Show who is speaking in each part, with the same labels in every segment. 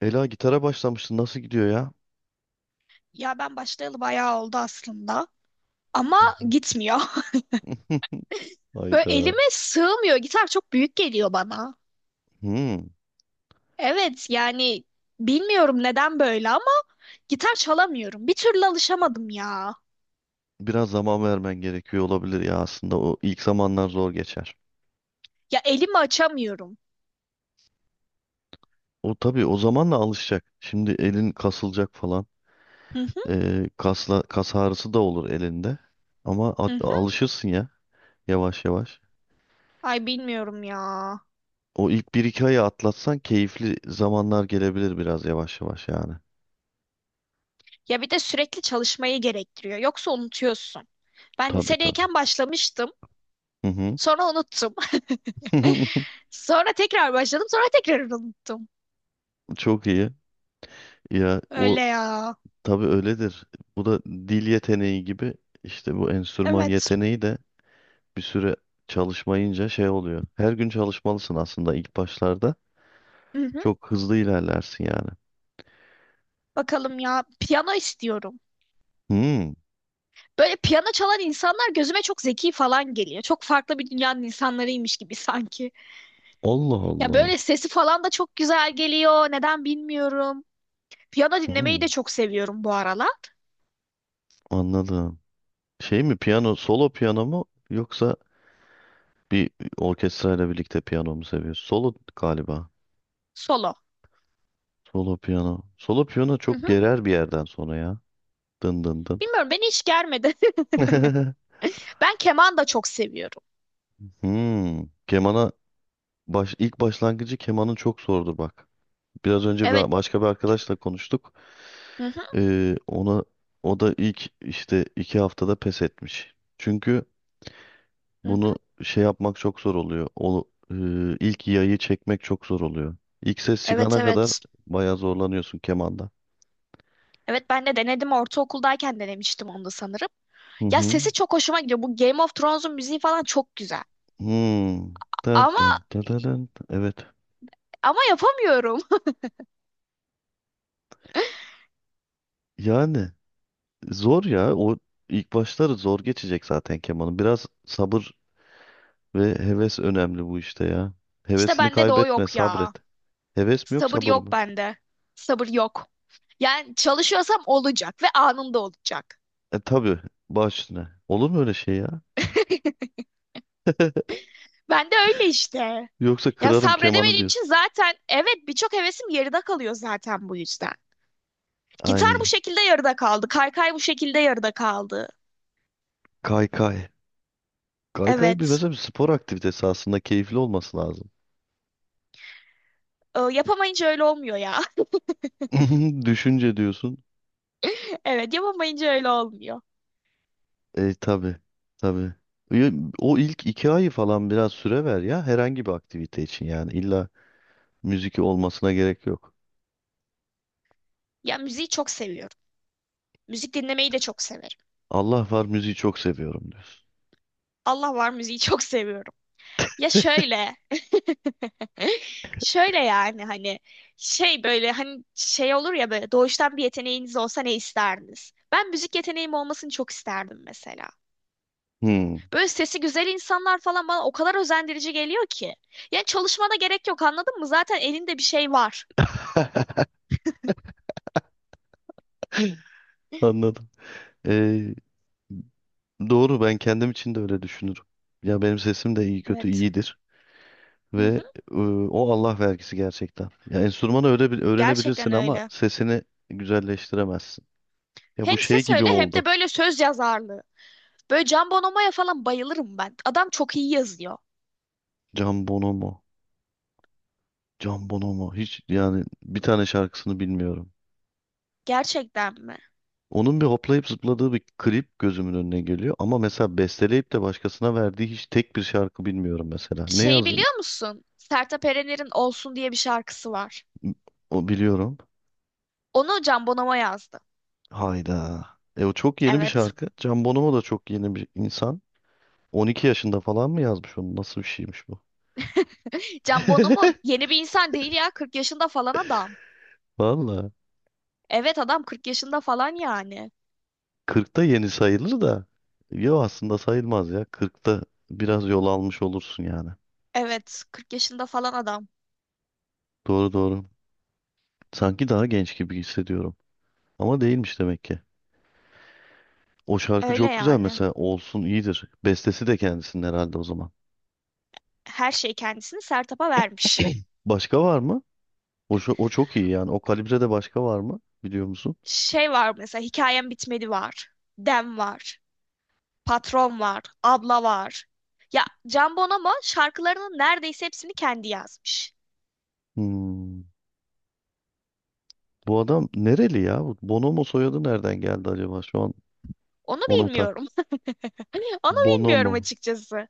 Speaker 1: Ela gitara başlamıştı. Nasıl gidiyor ya?
Speaker 2: Ya ben başlayalı bayağı oldu aslında. Ama
Speaker 1: Hı hı.
Speaker 2: gitmiyor. Böyle
Speaker 1: Hayda.
Speaker 2: elime sığmıyor. Gitar çok büyük geliyor bana.
Speaker 1: Hmm.
Speaker 2: Evet yani bilmiyorum neden böyle ama gitar çalamıyorum. Bir türlü alışamadım ya.
Speaker 1: Biraz zaman vermen gerekiyor olabilir ya aslında. O ilk zamanlar zor geçer.
Speaker 2: Ya elimi açamıyorum.
Speaker 1: O tabii o zamanla alışacak. Şimdi elin kasılacak falan.
Speaker 2: Hı hı
Speaker 1: Kasla, kas ağrısı da olur elinde. Ama
Speaker 2: hı hı.
Speaker 1: alışırsın ya yavaş yavaş.
Speaker 2: Ay bilmiyorum ya.
Speaker 1: O ilk bir iki ayı atlatsan keyifli zamanlar gelebilir biraz yavaş yavaş yani.
Speaker 2: Ya bir de sürekli çalışmayı gerektiriyor. Yoksa unutuyorsun. Ben
Speaker 1: Tabii tabii.
Speaker 2: lisedeyken başlamıştım.
Speaker 1: Hı hı.
Speaker 2: Sonra unuttum. Sonra tekrar başladım. Sonra tekrar unuttum.
Speaker 1: Çok iyi. Ya o
Speaker 2: Öyle ya.
Speaker 1: tabii öyledir. Bu da dil yeteneği gibi işte bu enstrüman
Speaker 2: Evet.
Speaker 1: yeteneği de bir süre çalışmayınca şey oluyor. Her gün çalışmalısın aslında ilk başlarda. Çok hızlı ilerlersin yani.
Speaker 2: Bakalım ya, piyano istiyorum.
Speaker 1: Hmm.
Speaker 2: Böyle piyano çalan insanlar gözüme çok zeki falan geliyor. Çok farklı bir dünyanın insanlarıymış gibi sanki.
Speaker 1: Allah
Speaker 2: Ya
Speaker 1: Allah.
Speaker 2: böyle sesi falan da çok güzel geliyor. Neden bilmiyorum. Piyano dinlemeyi
Speaker 1: Hmm,
Speaker 2: de çok seviyorum bu aralar.
Speaker 1: anladım. Şey mi piyano, solo piyano mu yoksa bir orkestrayla birlikte piyano mu seviyorsun? Solo galiba.
Speaker 2: Solo.
Speaker 1: Solo piyano. Solo piyano
Speaker 2: Hı
Speaker 1: çok
Speaker 2: hı.
Speaker 1: gerer bir yerden sonra ya. Dın dın dın.
Speaker 2: Bilmiyorum, beni hiç germedi. Ben keman da çok seviyorum.
Speaker 1: Hmm, kemana baş, ilk başlangıcı kemanın çok zordur bak. Biraz önce
Speaker 2: Evet.
Speaker 1: bir, başka bir arkadaşla konuştuk.
Speaker 2: Hı hı,
Speaker 1: Ona o da ilk işte iki haftada pes etmiş. Çünkü
Speaker 2: hı hı.
Speaker 1: bunu şey yapmak çok zor oluyor. O e, ilk yayı çekmek çok zor oluyor. İlk ses
Speaker 2: Evet
Speaker 1: çıkana kadar
Speaker 2: evet.
Speaker 1: bayağı zorlanıyorsun kemanda.
Speaker 2: Evet ben de denedim, ortaokuldayken denemiştim onu da sanırım.
Speaker 1: Hı
Speaker 2: Ya
Speaker 1: hı.
Speaker 2: sesi çok hoşuma gidiyor. Bu Game of Thrones'un müziği falan çok güzel.
Speaker 1: Hmm. Dın
Speaker 2: Ama
Speaker 1: dın dın dın dın. Evet.
Speaker 2: ama yapamıyorum.
Speaker 1: Yani zor ya. O ilk başları zor geçecek zaten kemanın. Biraz sabır ve heves önemli bu işte ya.
Speaker 2: İşte
Speaker 1: Hevesini
Speaker 2: bende de o
Speaker 1: kaybetme,
Speaker 2: yok
Speaker 1: sabret.
Speaker 2: ya.
Speaker 1: Heves mi yok
Speaker 2: Sabır
Speaker 1: sabır
Speaker 2: yok
Speaker 1: mı?
Speaker 2: bende. Sabır yok. Yani çalışıyorsam olacak ve anında olacak.
Speaker 1: E tabii, baş üstüne. Olur mu öyle şey ya?
Speaker 2: Ben de öyle işte.
Speaker 1: Yoksa
Speaker 2: Ya
Speaker 1: kırarım kemanı
Speaker 2: sabredemediğim için
Speaker 1: diyorsun.
Speaker 2: zaten evet birçok hevesim yarıda kalıyor zaten bu yüzden. Gitar bu
Speaker 1: Ay,
Speaker 2: şekilde yarıda kaldı. Kaykay bu şekilde yarıda kaldı.
Speaker 1: kaykay. Kaykay bir
Speaker 2: Evet.
Speaker 1: mesela bir spor aktivitesi aslında keyifli olması lazım.
Speaker 2: Yapamayınca öyle olmuyor ya.
Speaker 1: Düşünce diyorsun.
Speaker 2: Evet yapamayınca öyle olmuyor.
Speaker 1: E tabii, tabii. Ya, o ilk iki ayı falan biraz süre ver ya herhangi bir aktivite için yani illa müzik olmasına gerek yok.
Speaker 2: Ya müziği çok seviyorum. Müzik dinlemeyi de çok severim.
Speaker 1: Allah var müziği çok seviyorum diyorsun.
Speaker 2: Allah var, müziği çok seviyorum. Ya şöyle, şöyle yani hani şey böyle hani şey olur ya, böyle doğuştan bir yeteneğiniz olsa ne isterdiniz? Ben müzik yeteneğim olmasını çok isterdim mesela.
Speaker 1: Hmm.
Speaker 2: Böyle sesi güzel insanlar falan bana o kadar özendirici geliyor ki. Yani çalışmana gerek yok, anladın mı? Zaten elinde bir şey var.
Speaker 1: Anladım. Ee, doğru, ben kendim için de öyle düşünürüm. Ya benim sesim de iyi kötü
Speaker 2: Evet.
Speaker 1: iyidir
Speaker 2: Hı
Speaker 1: ve
Speaker 2: hı.
Speaker 1: e, o Allah vergisi gerçekten. Ya enstrümanı öyle bir öğrenebilirsin
Speaker 2: Gerçekten
Speaker 1: ama
Speaker 2: öyle.
Speaker 1: sesini güzelleştiremezsin. Ya bu
Speaker 2: Hem
Speaker 1: şey
Speaker 2: ses
Speaker 1: gibi
Speaker 2: öyle hem de
Speaker 1: oldu.
Speaker 2: böyle söz yazarlığı. Böyle Can Bonomo'ya falan bayılırım ben. Adam çok iyi yazıyor.
Speaker 1: Can Bonomo. Can Bonomo. Hiç yani bir tane şarkısını bilmiyorum.
Speaker 2: Gerçekten mi?
Speaker 1: Onun bir hoplayıp zıpladığı bir klip gözümün önüne geliyor ama mesela besteleyip de başkasına verdiği hiç tek bir şarkı bilmiyorum mesela. Ne
Speaker 2: Şeyi
Speaker 1: yazın
Speaker 2: biliyor musun? Sertab Erener'in Olsun diye bir şarkısı var.
Speaker 1: o biliyorum.
Speaker 2: Onu Can Bonomo yazdı.
Speaker 1: Hayda. E o çok yeni bir
Speaker 2: Evet.
Speaker 1: şarkı. Can Bonomo da çok yeni bir insan. 12 yaşında falan mı yazmış onu? Nasıl bir şeymiş bu?
Speaker 2: Can Bonomo yeni bir insan değil ya. 40 yaşında falan adam.
Speaker 1: Valla.
Speaker 2: Evet adam 40 yaşında falan yani.
Speaker 1: 40'ta yeni sayılır da. Yo aslında sayılmaz ya. 40'ta biraz yol almış olursun yani.
Speaker 2: Evet, 40 yaşında falan adam.
Speaker 1: Doğru doğru. Sanki daha genç gibi hissediyorum. Ama değilmiş demek ki. O şarkı
Speaker 2: Öyle
Speaker 1: çok güzel
Speaker 2: yani.
Speaker 1: mesela. Olsun iyidir. Bestesi de kendisinin herhalde o zaman.
Speaker 2: Her şey kendisini Sertab'a vermiş.
Speaker 1: Başka var mı? O, o çok iyi yani. O kalibrede başka var mı? Biliyor musun?
Speaker 2: Şey var mesela, hikayem bitmedi var. Dem var. Patron var. Abla var. Ya Can Bonomo şarkılarının neredeyse hepsini kendi yazmış.
Speaker 1: Hmm. Bu adam nereli ya? Bu Bonomo soyadı nereden geldi acaba? Şu an
Speaker 2: Onu
Speaker 1: ona mı tak.
Speaker 2: bilmiyorum. Onu
Speaker 1: Bonomo.
Speaker 2: bilmiyorum açıkçası.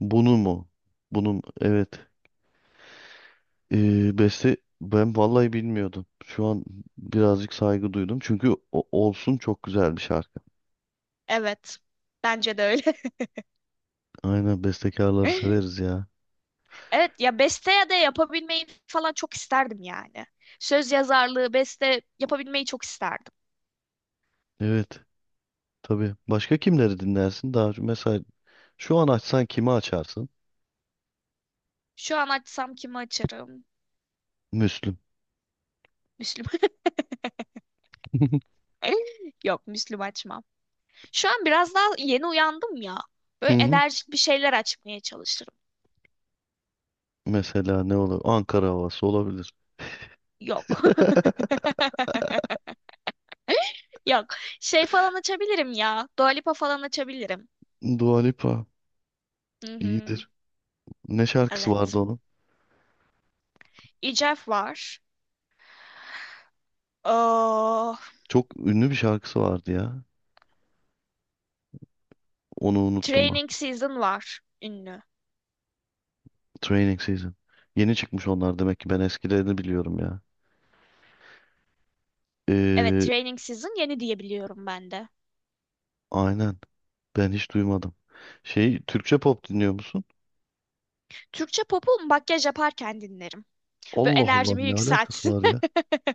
Speaker 1: Bunu mu? Bunun evet. Beste ben vallahi bilmiyordum. Şu an birazcık saygı duydum. Çünkü olsun çok güzel bir şarkı.
Speaker 2: Evet. Bence de öyle.
Speaker 1: Aynen bestekarları severiz ya.
Speaker 2: Evet ya, beste ya da yapabilmeyi falan çok isterdim yani. Söz yazarlığı, beste yapabilmeyi çok isterdim.
Speaker 1: Evet. Tabii. Başka kimleri dinlersin? Daha mesela şu an açsan kimi açarsın?
Speaker 2: Şu an açsam kimi açarım?
Speaker 1: Müslüm.
Speaker 2: Müslüm. Yok, Müslüm açmam. Şu an biraz daha yeni uyandım ya.
Speaker 1: Hı
Speaker 2: Böyle
Speaker 1: hı.
Speaker 2: enerjik bir şeyler açmaya çalışırım.
Speaker 1: Mesela ne olur? Ankara havası olabilir.
Speaker 2: Yok. Yok. Şey falan açabilirim ya. Dua Lipa falan açabilirim.
Speaker 1: Dua Lipa
Speaker 2: Hı hı.
Speaker 1: iyidir. Ne şarkısı vardı?
Speaker 2: Evet. Ecef var. Oh,
Speaker 1: Çok ünlü bir şarkısı vardı ya. Onu unuttum bak.
Speaker 2: Training Season var. Ünlü.
Speaker 1: Training Season. Yeni çıkmış onlar demek ki ben eskilerini biliyorum ya.
Speaker 2: Evet,
Speaker 1: Ee,
Speaker 2: Training Season yeni diyebiliyorum ben de.
Speaker 1: aynen. Ben hiç duymadım. Şey, Türkçe pop dinliyor musun?
Speaker 2: Türkçe pop'u makyaj yaparken dinlerim. Böyle
Speaker 1: Allah Allah,
Speaker 2: enerjimi
Speaker 1: ne alakası
Speaker 2: yükseltsin.
Speaker 1: var ya?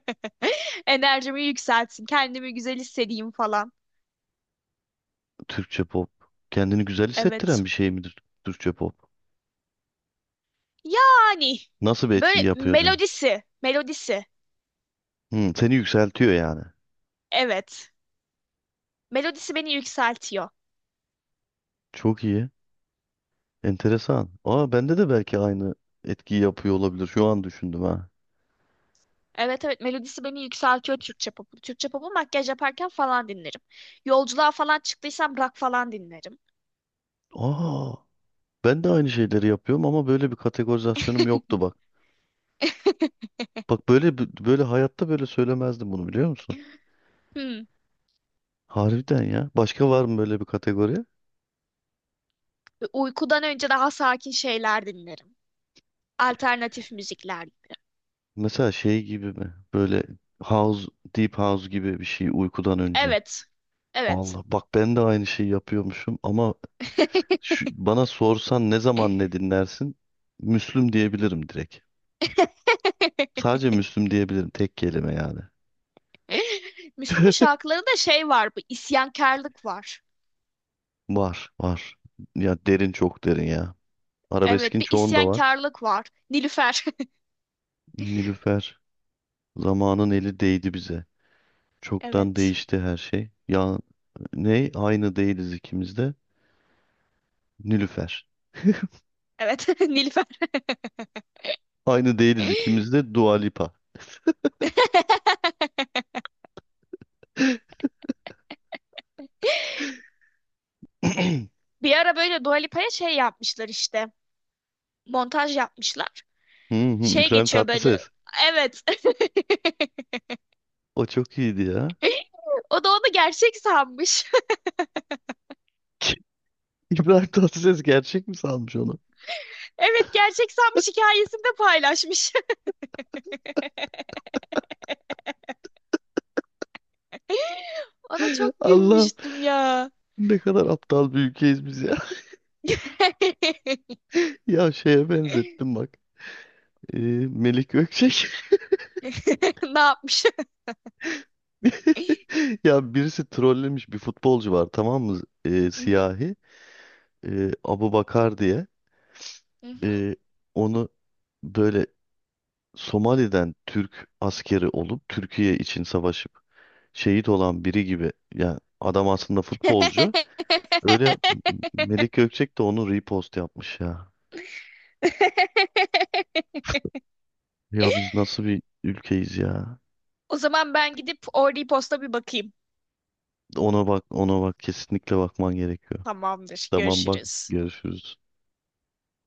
Speaker 2: Enerjimi yükseltsin. Kendimi güzel hissedeyim falan.
Speaker 1: Türkçe pop. Kendini güzel
Speaker 2: Evet.
Speaker 1: hissettiren bir şey midir Türkçe pop?
Speaker 2: Yani
Speaker 1: Nasıl bir etki
Speaker 2: böyle
Speaker 1: yapıyor acaba?
Speaker 2: melodisi, melodisi.
Speaker 1: Hmm, seni yükseltiyor yani.
Speaker 2: Evet. Melodisi beni yükseltiyor.
Speaker 1: Çok iyi. Enteresan. Aa, bende de belki aynı etkiyi yapıyor olabilir. Şu an düşündüm ha.
Speaker 2: Evet evet, melodisi beni yükseltiyor Türkçe popu. Türkçe popu makyaj yaparken falan dinlerim. Yolculuğa falan çıktıysam rock falan dinlerim.
Speaker 1: Aa, ben de aynı şeyleri yapıyorum ama böyle bir kategorizasyonum yoktu bak. Bak böyle böyle hayatta böyle söylemezdim bunu, biliyor musun?
Speaker 2: Hmm.
Speaker 1: Harbiden ya. Başka var mı böyle bir kategori?
Speaker 2: Uykudan önce daha sakin şeyler dinlerim. Alternatif müzikler gibi.
Speaker 1: Mesela şey gibi mi? Böyle house, deep house gibi bir şey uykudan önce.
Speaker 2: Evet. Evet.
Speaker 1: Allah bak ben de aynı şeyi yapıyormuşum ama bana sorsan ne zaman ne dinlersin? Müslüm diyebilirim direkt. Sadece Müslüm diyebilirim tek kelime yani.
Speaker 2: Müslüm'ün şarkılarında şey var, bir isyankarlık var.
Speaker 1: Var var. Ya derin, çok derin ya.
Speaker 2: Evet,
Speaker 1: Arabeskin
Speaker 2: bir
Speaker 1: çoğunda var.
Speaker 2: isyankarlık var. Nilüfer.
Speaker 1: Nilüfer. Zamanın eli değdi bize. Çoktan
Speaker 2: Evet.
Speaker 1: değişti her şey. Ya ne? Aynı değiliz ikimiz de. Nilüfer.
Speaker 2: Evet, Nilüfer.
Speaker 1: Aynı değiliz ikimiz de Dua Lipa. Hı
Speaker 2: Bir ara böyle Dua Lipa'ya şey yapmışlar işte. Montaj yapmışlar.
Speaker 1: hı,
Speaker 2: Şey
Speaker 1: İbrahim
Speaker 2: geçiyor böyle.
Speaker 1: Tatlıses.
Speaker 2: Evet.
Speaker 1: O çok iyiydi ya.
Speaker 2: O da onu gerçek sanmış.
Speaker 1: İbrahim Tatlıses gerçek mi sanmış onu?
Speaker 2: Evet, gerçek sanmış, hikayesinde paylaşmış. Ona çok
Speaker 1: Allah,
Speaker 2: gülmüştüm ya.
Speaker 1: ne kadar aptal bir ülkeyiz biz ya. Ya şeye benzettim bak. Ee, Melik Gökçek.
Speaker 2: Ne yapmış?
Speaker 1: Ya birisi trollemiş, bir futbolcu var tamam mı?
Speaker 2: Hı hı,
Speaker 1: Siyahi. Abu Bakar diye.
Speaker 2: hı hı.
Speaker 1: e, Onu böyle Somali'den Türk askeri olup Türkiye için savaşıp şehit olan biri gibi, yani adam aslında futbolcu. Öyle yap- Melik Gökçek de onu repost yapmış ya. Ya biz nasıl bir ülkeyiz ya.
Speaker 2: O zaman ben gidip Orly Post'a bir bakayım.
Speaker 1: Ona bak, ona bak, kesinlikle bakman gerekiyor.
Speaker 2: Tamamdır.
Speaker 1: Tamam bak,
Speaker 2: Görüşürüz.
Speaker 1: görüşürüz.